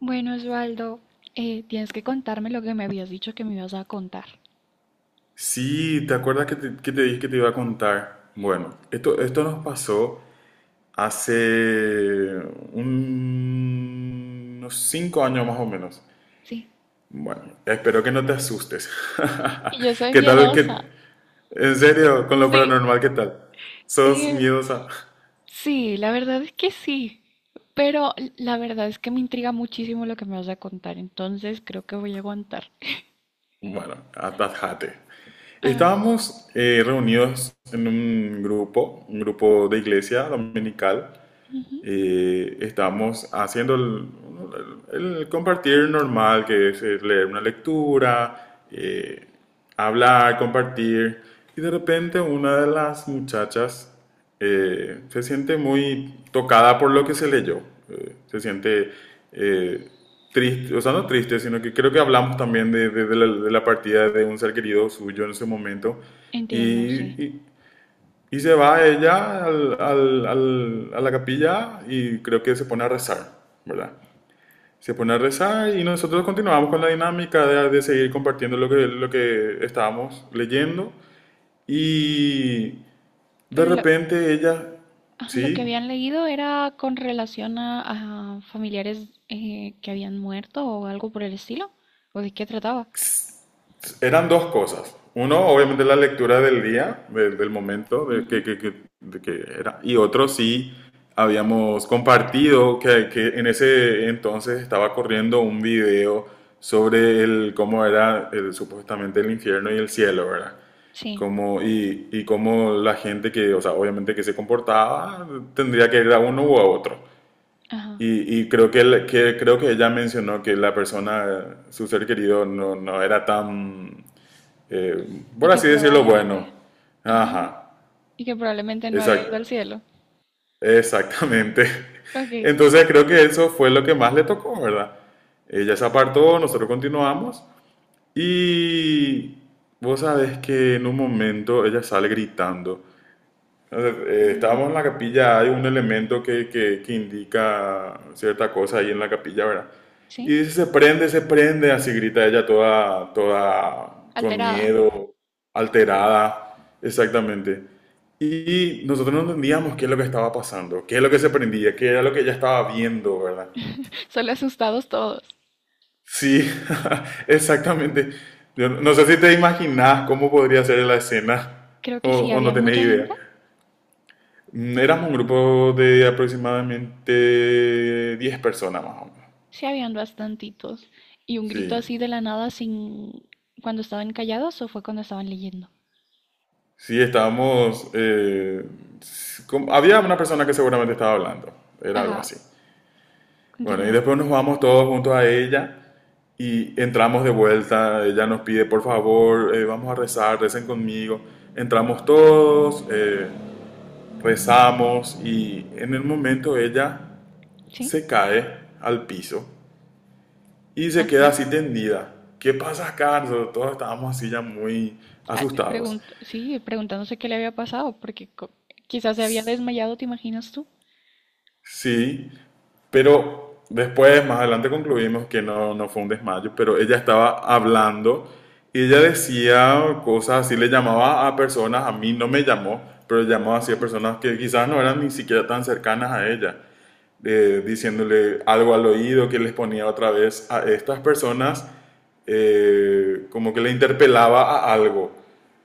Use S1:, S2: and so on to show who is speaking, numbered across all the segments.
S1: Bueno, Osvaldo, tienes que contarme lo que me habías dicho que me ibas a contar.
S2: Sí, ¿te acuerdas que que te dije que te iba a contar? Bueno, esto nos pasó hace unos 5 años más o menos.
S1: ¿Sí?
S2: Bueno, espero que no te asustes.
S1: Y yo soy
S2: ¿Qué tal?
S1: miedosa.
S2: ¿En serio? ¿Con lo
S1: Sí.
S2: paranormal qué tal? ¿Sos
S1: Eh,
S2: miedosa?
S1: sí, la verdad es que sí, pero la verdad es que me intriga muchísimo lo que me vas a contar, entonces creo que voy a aguantar.
S2: Bueno, atajate.
S1: Ah.
S2: Estábamos reunidos en un grupo de iglesia dominical,
S1: Ujú.
S2: y estamos haciendo el compartir normal, que es leer una lectura, hablar, compartir. Y de repente una de las muchachas se siente muy tocada por lo que se leyó. Se siente eh, triste, o sea, no triste, sino que creo que hablamos también de la, de la partida de un ser querido suyo en ese momento. Y,
S1: Entiendo, sí.
S2: y y se va ella a la capilla y creo que se pone a rezar, ¿verdad? Se pone a rezar y nosotros continuamos con la dinámica de seguir compartiendo lo que estábamos leyendo. Y de
S1: Pero lo,
S2: repente ella,
S1: lo que
S2: sí,
S1: habían leído era con relación a familiares que habían muerto o algo por el estilo, ¿o de qué trataba?
S2: eran dos cosas. Uno, obviamente, la lectura del día, del momento,
S1: Ujú.
S2: de que era. Y otro, sí, habíamos compartido que en ese entonces estaba corriendo un video sobre el, cómo era supuestamente el infierno y el cielo, ¿verdad?
S1: Sí,
S2: Como, y cómo la gente que, o sea, obviamente que se comportaba, tendría que ir a uno u a otro.
S1: ajá.
S2: Y creo que, creo que ella mencionó que la persona, su ser querido, no, no era tan eh,
S1: Y
S2: por
S1: que
S2: así decirlo, bueno.
S1: probablemente... Ajá,
S2: Ajá,
S1: y que probablemente no había ido
S2: exact-
S1: al cielo.
S2: exactamente.
S1: Ok.
S2: Entonces creo que eso fue lo que más le tocó, ¿verdad? Ella se apartó, nosotros continuamos y vos sabés que en un momento ella sale gritando. Entonces,
S1: Dios
S2: estábamos
S1: mío.
S2: en la capilla, hay un elemento que indica cierta cosa ahí en la capilla, ¿verdad?
S1: ¿Sí?
S2: Y dice, se prende, así grita ella toda, toda con
S1: Alterada.
S2: miedo, alterada, exactamente. Y nosotros no entendíamos qué es lo que estaba pasando, qué es lo que se prendía, qué era lo que ella estaba viendo, ¿verdad?
S1: Solo asustados todos.
S2: Sí, exactamente. Yo no sé si te imaginas cómo podría ser la escena
S1: Creo
S2: o,
S1: que sí,
S2: o no
S1: había
S2: tenés
S1: mucha
S2: idea.
S1: gente.
S2: Éramos un grupo de aproximadamente 10 personas más o menos.
S1: Sí, habían bastantitos. Y un grito
S2: Sí,
S1: así de la nada sin... ¿cuando estaban callados o fue cuando estaban leyendo?
S2: sí, estábamos... había una persona que seguramente estaba hablando, era algo
S1: Ajá,
S2: así. Bueno, y
S1: continúa.
S2: después nos vamos todos juntos a ella y entramos de vuelta. Ella nos pide, por favor, vamos a rezar, recen conmigo. Entramos todos, rezamos y en el momento ella
S1: ¿Sí?
S2: se cae al piso y se queda
S1: Ajá.
S2: así tendida. ¿Qué pasa, Carlos? Todos estábamos así ya muy asustados.
S1: Sí, preguntándose qué le había pasado, quizás se había desmayado, ¿te imaginas tú?
S2: Sí, pero después, más adelante concluimos que no, no fue un desmayo, pero ella estaba hablando y ella decía cosas así, le llamaba a personas, a mí no me llamó, pero llamaba así a
S1: Ujú.
S2: personas que quizás no eran ni siquiera tan cercanas a ella, diciéndole algo al oído que les ponía otra vez a estas personas, como que le interpelaba a algo,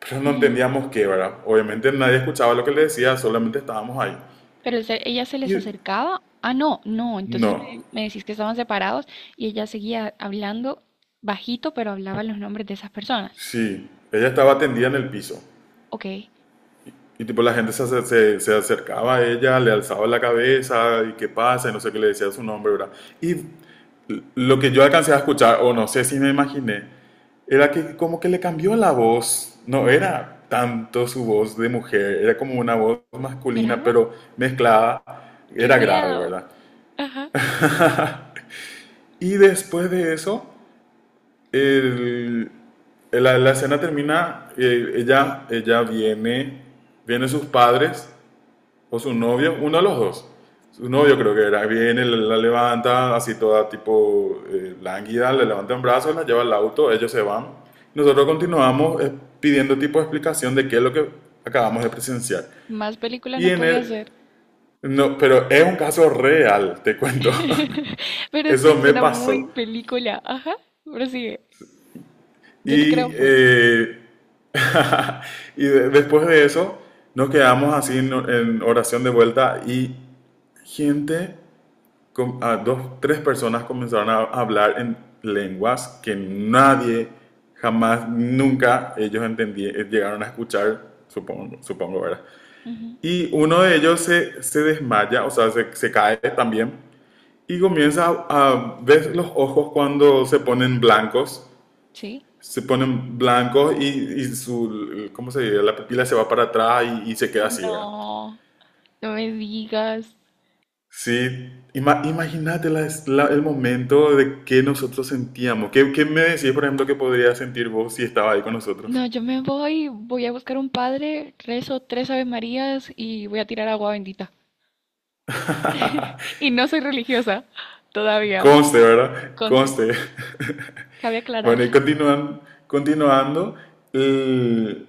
S2: pero no
S1: Ujú.
S2: entendíamos qué, ¿verdad? Obviamente nadie escuchaba lo que le decía, solamente estábamos ahí.
S1: Ella se les
S2: Y
S1: acercaba. Ah, no, no. Entonces
S2: no,
S1: me decís que estaban separados y ella seguía hablando bajito, pero hablaba los nombres de esas personas.
S2: sí, ella estaba tendida en el piso.
S1: Ok.
S2: Y tipo la gente se, se acercaba a ella, le alzaba la cabeza y qué pasa, y no sé qué le decía su nombre, ¿verdad? Y lo que yo alcancé a escuchar, o no sé si me imaginé, era que como que le cambió la voz. No era tanto su voz de mujer, era como una voz masculina,
S1: ¿Grave?
S2: pero mezclada,
S1: ¡Qué
S2: era grave,
S1: miedo!
S2: ¿verdad?
S1: Ajá.
S2: Y después de eso, el- la, la escena termina, ella, ella viene, viene sus padres o su novio, uno de los dos. Su novio
S1: Ujú.
S2: creo que era, viene, la levanta así toda tipo lánguida, le levanta en brazos, la lleva al auto, ellos se van. Nosotros continuamos pidiendo tipo de explicación de qué es lo que acabamos de presenciar.
S1: Más película
S2: Y
S1: no
S2: en
S1: podía
S2: el,
S1: ser.
S2: no, pero es un caso real, te cuento.
S1: Pero
S2: Eso
S1: sí,
S2: me
S1: suena muy
S2: pasó.
S1: película. Ajá. Pero sigue. Yo te creo
S2: Y,
S1: full.
S2: y después de eso nos quedamos así en oración de vuelta y gente, a dos, tres personas comenzaron a hablar en lenguas que nadie jamás, nunca ellos llegaron a escuchar, supongo, ¿verdad?
S1: Ujú.
S2: Y uno de ellos se, se desmaya, o sea, se cae también y comienza a ver los ojos cuando se ponen blancos,
S1: ¿Sí?
S2: se ponen blancos y su, ¿cómo se dice? La pupila se va para atrás y se queda así, ¿verdad?
S1: No, no me digas.
S2: Sí, imagínate el momento de que nosotros sentíamos. ¿Qué, qué me decís, por ejemplo, que podrías sentir vos si estaba ahí con nosotros?
S1: No, yo me voy, voy a buscar un padre, rezo tres Ave Marías y voy a tirar agua bendita. Y no soy religiosa todavía,
S2: Conste, ¿verdad?
S1: conste,
S2: Conste.
S1: cabe aclarar.
S2: Bueno, y continúan, continuando, el-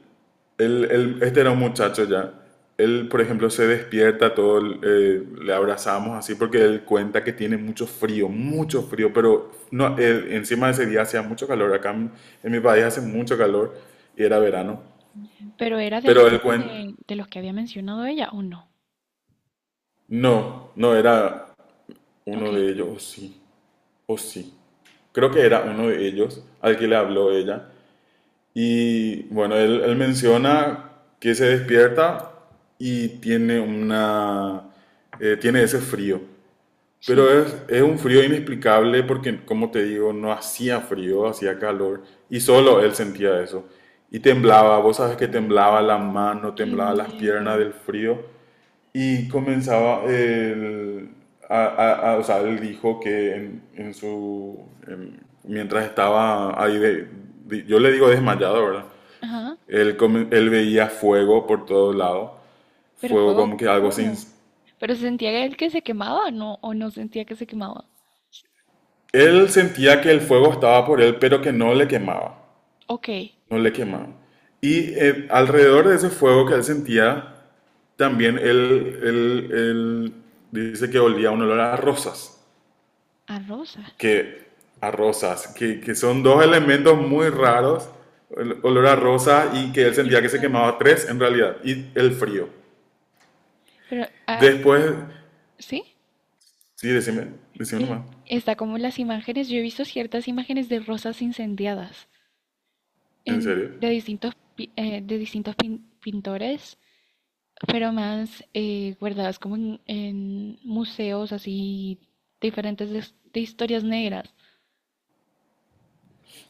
S2: él, este era un muchacho ya. Él, por ejemplo, se despierta, todo, le abrazamos así porque él cuenta que tiene mucho frío, pero no, encima de ese día hacía mucho calor. Acá en mi país hace mucho calor y era verano.
S1: Pero era de
S2: Pero él
S1: alguno
S2: cuenta,
S1: de los que había mencionado ella o no.
S2: no, no era
S1: Ok,
S2: uno de ellos, o sí, o sí. Creo que era uno de ellos al que le habló ella. Y bueno, él menciona que se despierta y tiene una... tiene ese frío. Pero
S1: sí.
S2: es un frío inexplicable porque, como te digo, no hacía frío, hacía calor. Y solo él sentía eso. Y temblaba, vos sabes que temblaba la mano,
S1: Qué
S2: temblaba las piernas
S1: miedo.
S2: del frío. Y comenzaba, el, o sea, él dijo que en, mientras estaba ahí, yo le digo desmayado, ¿verdad?
S1: Ajá.
S2: Él, él veía fuego por todos lados,
S1: Pero
S2: fuego
S1: fuego,
S2: como que algo sin...
S1: ¿cómo? Pero se sentía él que se quemaba, ¿no? O no sentía que se quemaba.
S2: Él sentía que el fuego estaba por él, pero que no le quemaba,
S1: Ok,
S2: no le quemaba. Y alrededor de ese fuego que él sentía, también él dice que olía un olor a rosas,
S1: a rosas
S2: que, a rosas, que son dos elementos muy raros, el olor a rosa y que él
S1: y
S2: sentía que se
S1: fuego.
S2: quemaba tres en realidad, y el frío.
S1: Pero, ah,
S2: Después,
S1: ¿Sí?
S2: sí, decime
S1: Que
S2: nomás,
S1: está como las imágenes. Yo he visto ciertas imágenes de rosas incendiadas
S2: en
S1: en,
S2: serio.
S1: de distintos, de distintos pintores, pero más guardadas como en museos así diferentes de historias negras.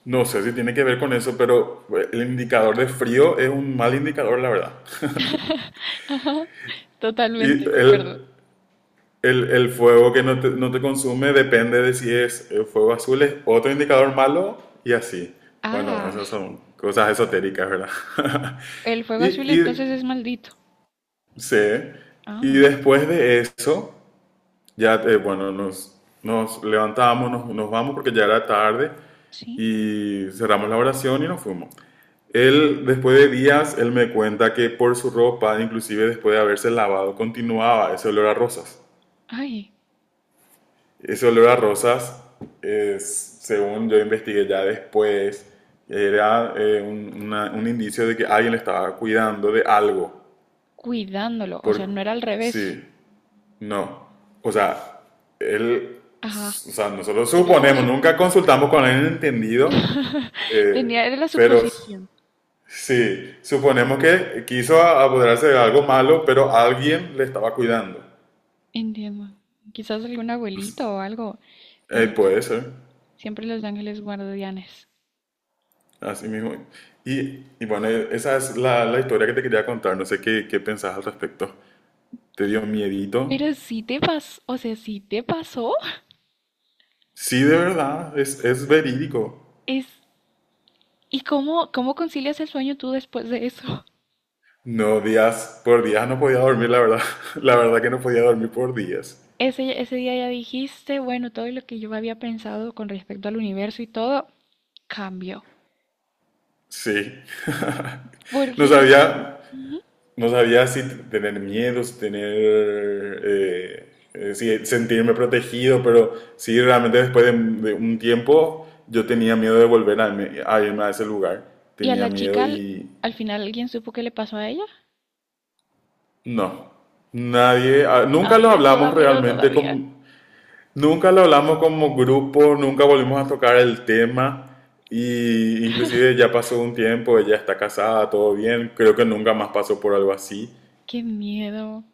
S2: No sé si tiene que ver con eso, pero el indicador de frío es un mal indicador, la verdad.
S1: Ajá,
S2: Y
S1: totalmente, concuerdo.
S2: el, el fuego que no te, no te consume depende de si es fuego azul, es otro indicador malo y así. Bueno,
S1: Ah,
S2: esas son cosas esotéricas, ¿verdad?
S1: el fuego
S2: Y,
S1: azul
S2: y,
S1: entonces es maldito.
S2: sí. Y
S1: Ah,
S2: después de eso, ya, bueno, nos levantamos, nos vamos porque ya era tarde
S1: sí.
S2: y cerramos la oración y nos fuimos. Él, después de días, él me cuenta que por su ropa, inclusive después de haberse lavado, continuaba ese olor a rosas.
S1: Ay,
S2: Ese olor a rosas, es, según yo investigué ya después, era un, un indicio de que alguien le estaba cuidando de algo.
S1: cuidándolo, o sea,
S2: Por,
S1: no era al revés.
S2: sí. No. O sea, él, o
S1: Ajá,
S2: sea, nosotros
S1: tenía como
S2: suponemos,
S1: su...
S2: nunca consultamos con alguien entendido, eh,
S1: tenía, era la
S2: pero
S1: suposición.
S2: sí, suponemos que quiso apoderarse de algo malo, pero alguien le estaba cuidando.
S1: Entiendo. Quizás algún abuelito o algo, que son
S2: Puede
S1: siempre,
S2: ser,
S1: siempre los ángeles guardianes.
S2: así mismo. Y bueno, esa es la, la historia que te quería contar, no sé qué, qué pensás al respecto. ¿Te dio miedito?
S1: Pero sí te pasó, o sea, sí te pasó.
S2: Sí, de verdad, es verídico.
S1: Es, ¿y cómo, cómo concilias el sueño tú después de eso?
S2: No, días, por días no podía dormir, la verdad. La verdad que no podía dormir por días.
S1: Ese día ya dijiste, bueno, todo lo que yo había pensado con respecto al universo y todo cambió.
S2: Sí, no
S1: Porque,
S2: sabía,
S1: ujú.
S2: no sabía si tener miedos, tener, si sentirme protegido, pero sí, realmente después de un tiempo yo tenía miedo de volver a, a irme a ese lugar,
S1: ¿Y a
S2: tenía
S1: la
S2: miedo
S1: chica
S2: y
S1: al final alguien supo qué le pasó a ella?
S2: no, nadie, ah, nunca lo
S1: Ay, eso da
S2: hablamos
S1: miedo
S2: realmente,
S1: todavía.
S2: con, nunca lo hablamos como grupo, nunca volvimos a tocar el tema. Y inclusive ya pasó un tiempo, ella está casada, todo bien, creo que nunca más pasó por algo así.
S1: Qué miedo.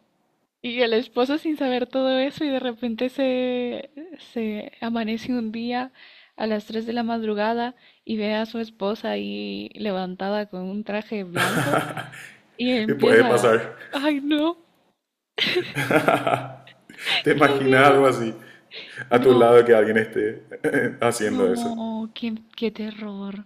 S1: Y el esposo sin saber todo eso y de repente se amanece un día a las 3 de la madrugada y ve a su esposa ahí levantada con un traje blanco y
S2: Puede
S1: empieza.
S2: pasar.
S1: Ay, no,
S2: ¿Te
S1: qué
S2: imaginas
S1: miedo.
S2: algo así a tu
S1: No,
S2: lado que alguien esté haciendo eso?
S1: no, qué, qué terror.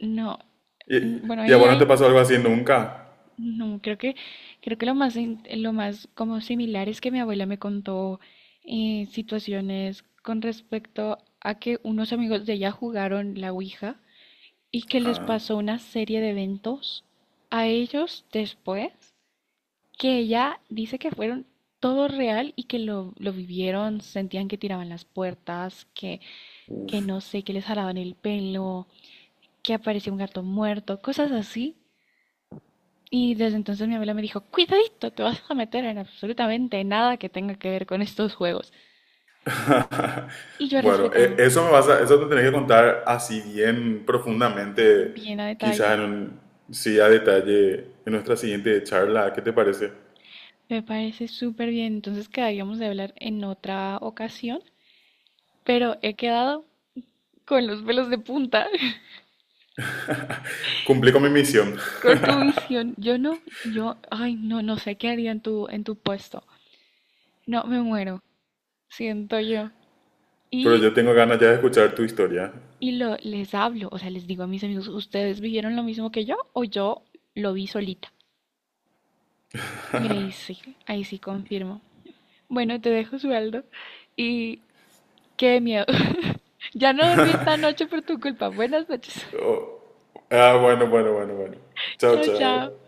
S1: No. Bueno,
S2: Y a
S1: ahí
S2: vos no te
S1: hay,
S2: pasó algo así nunca?
S1: no, creo que lo más, lo más como similar es que mi abuela me contó situaciones con respecto a que unos amigos de ella jugaron la Ouija y que les pasó una serie de eventos a ellos después, que ella dice que fueron todo real y que lo vivieron, sentían que tiraban las puertas, que no sé, que les jalaban el pelo, que aparecía un gato muerto, cosas así. Y desde entonces mi abuela me dijo, cuidadito, te vas a meter en absolutamente nada que tenga que ver con estos juegos. Y yo he
S2: Bueno,
S1: respetado
S2: eso me eso te tenés que contar así bien profundamente,
S1: bien a
S2: quizás en
S1: detalle.
S2: un, sí a detalle en nuestra siguiente charla. ¿Qué te parece?
S1: Me parece súper bien. Entonces quedaríamos de hablar en otra ocasión, pero he quedado con los pelos de punta.
S2: Cumplí con mi misión,
S1: Con tu visión. Yo no, yo, ay, no, no sé qué haría en tu puesto. No, me muero, siento yo.
S2: pero
S1: Y,
S2: yo tengo ganas ya de escuchar tu historia.
S1: y lo, les hablo, o sea, les digo a mis amigos, ¿ustedes vivieron lo mismo que yo o yo lo vi solita? Y ahí sí confirmo. Bueno, te dejo, Sueldo. Y qué miedo. Ya no dormí esta noche por tu culpa. Buenas noches.
S2: Oh, ah, bueno, bueno, bueno, bueno. Chao,
S1: Chao,
S2: chao.
S1: chao.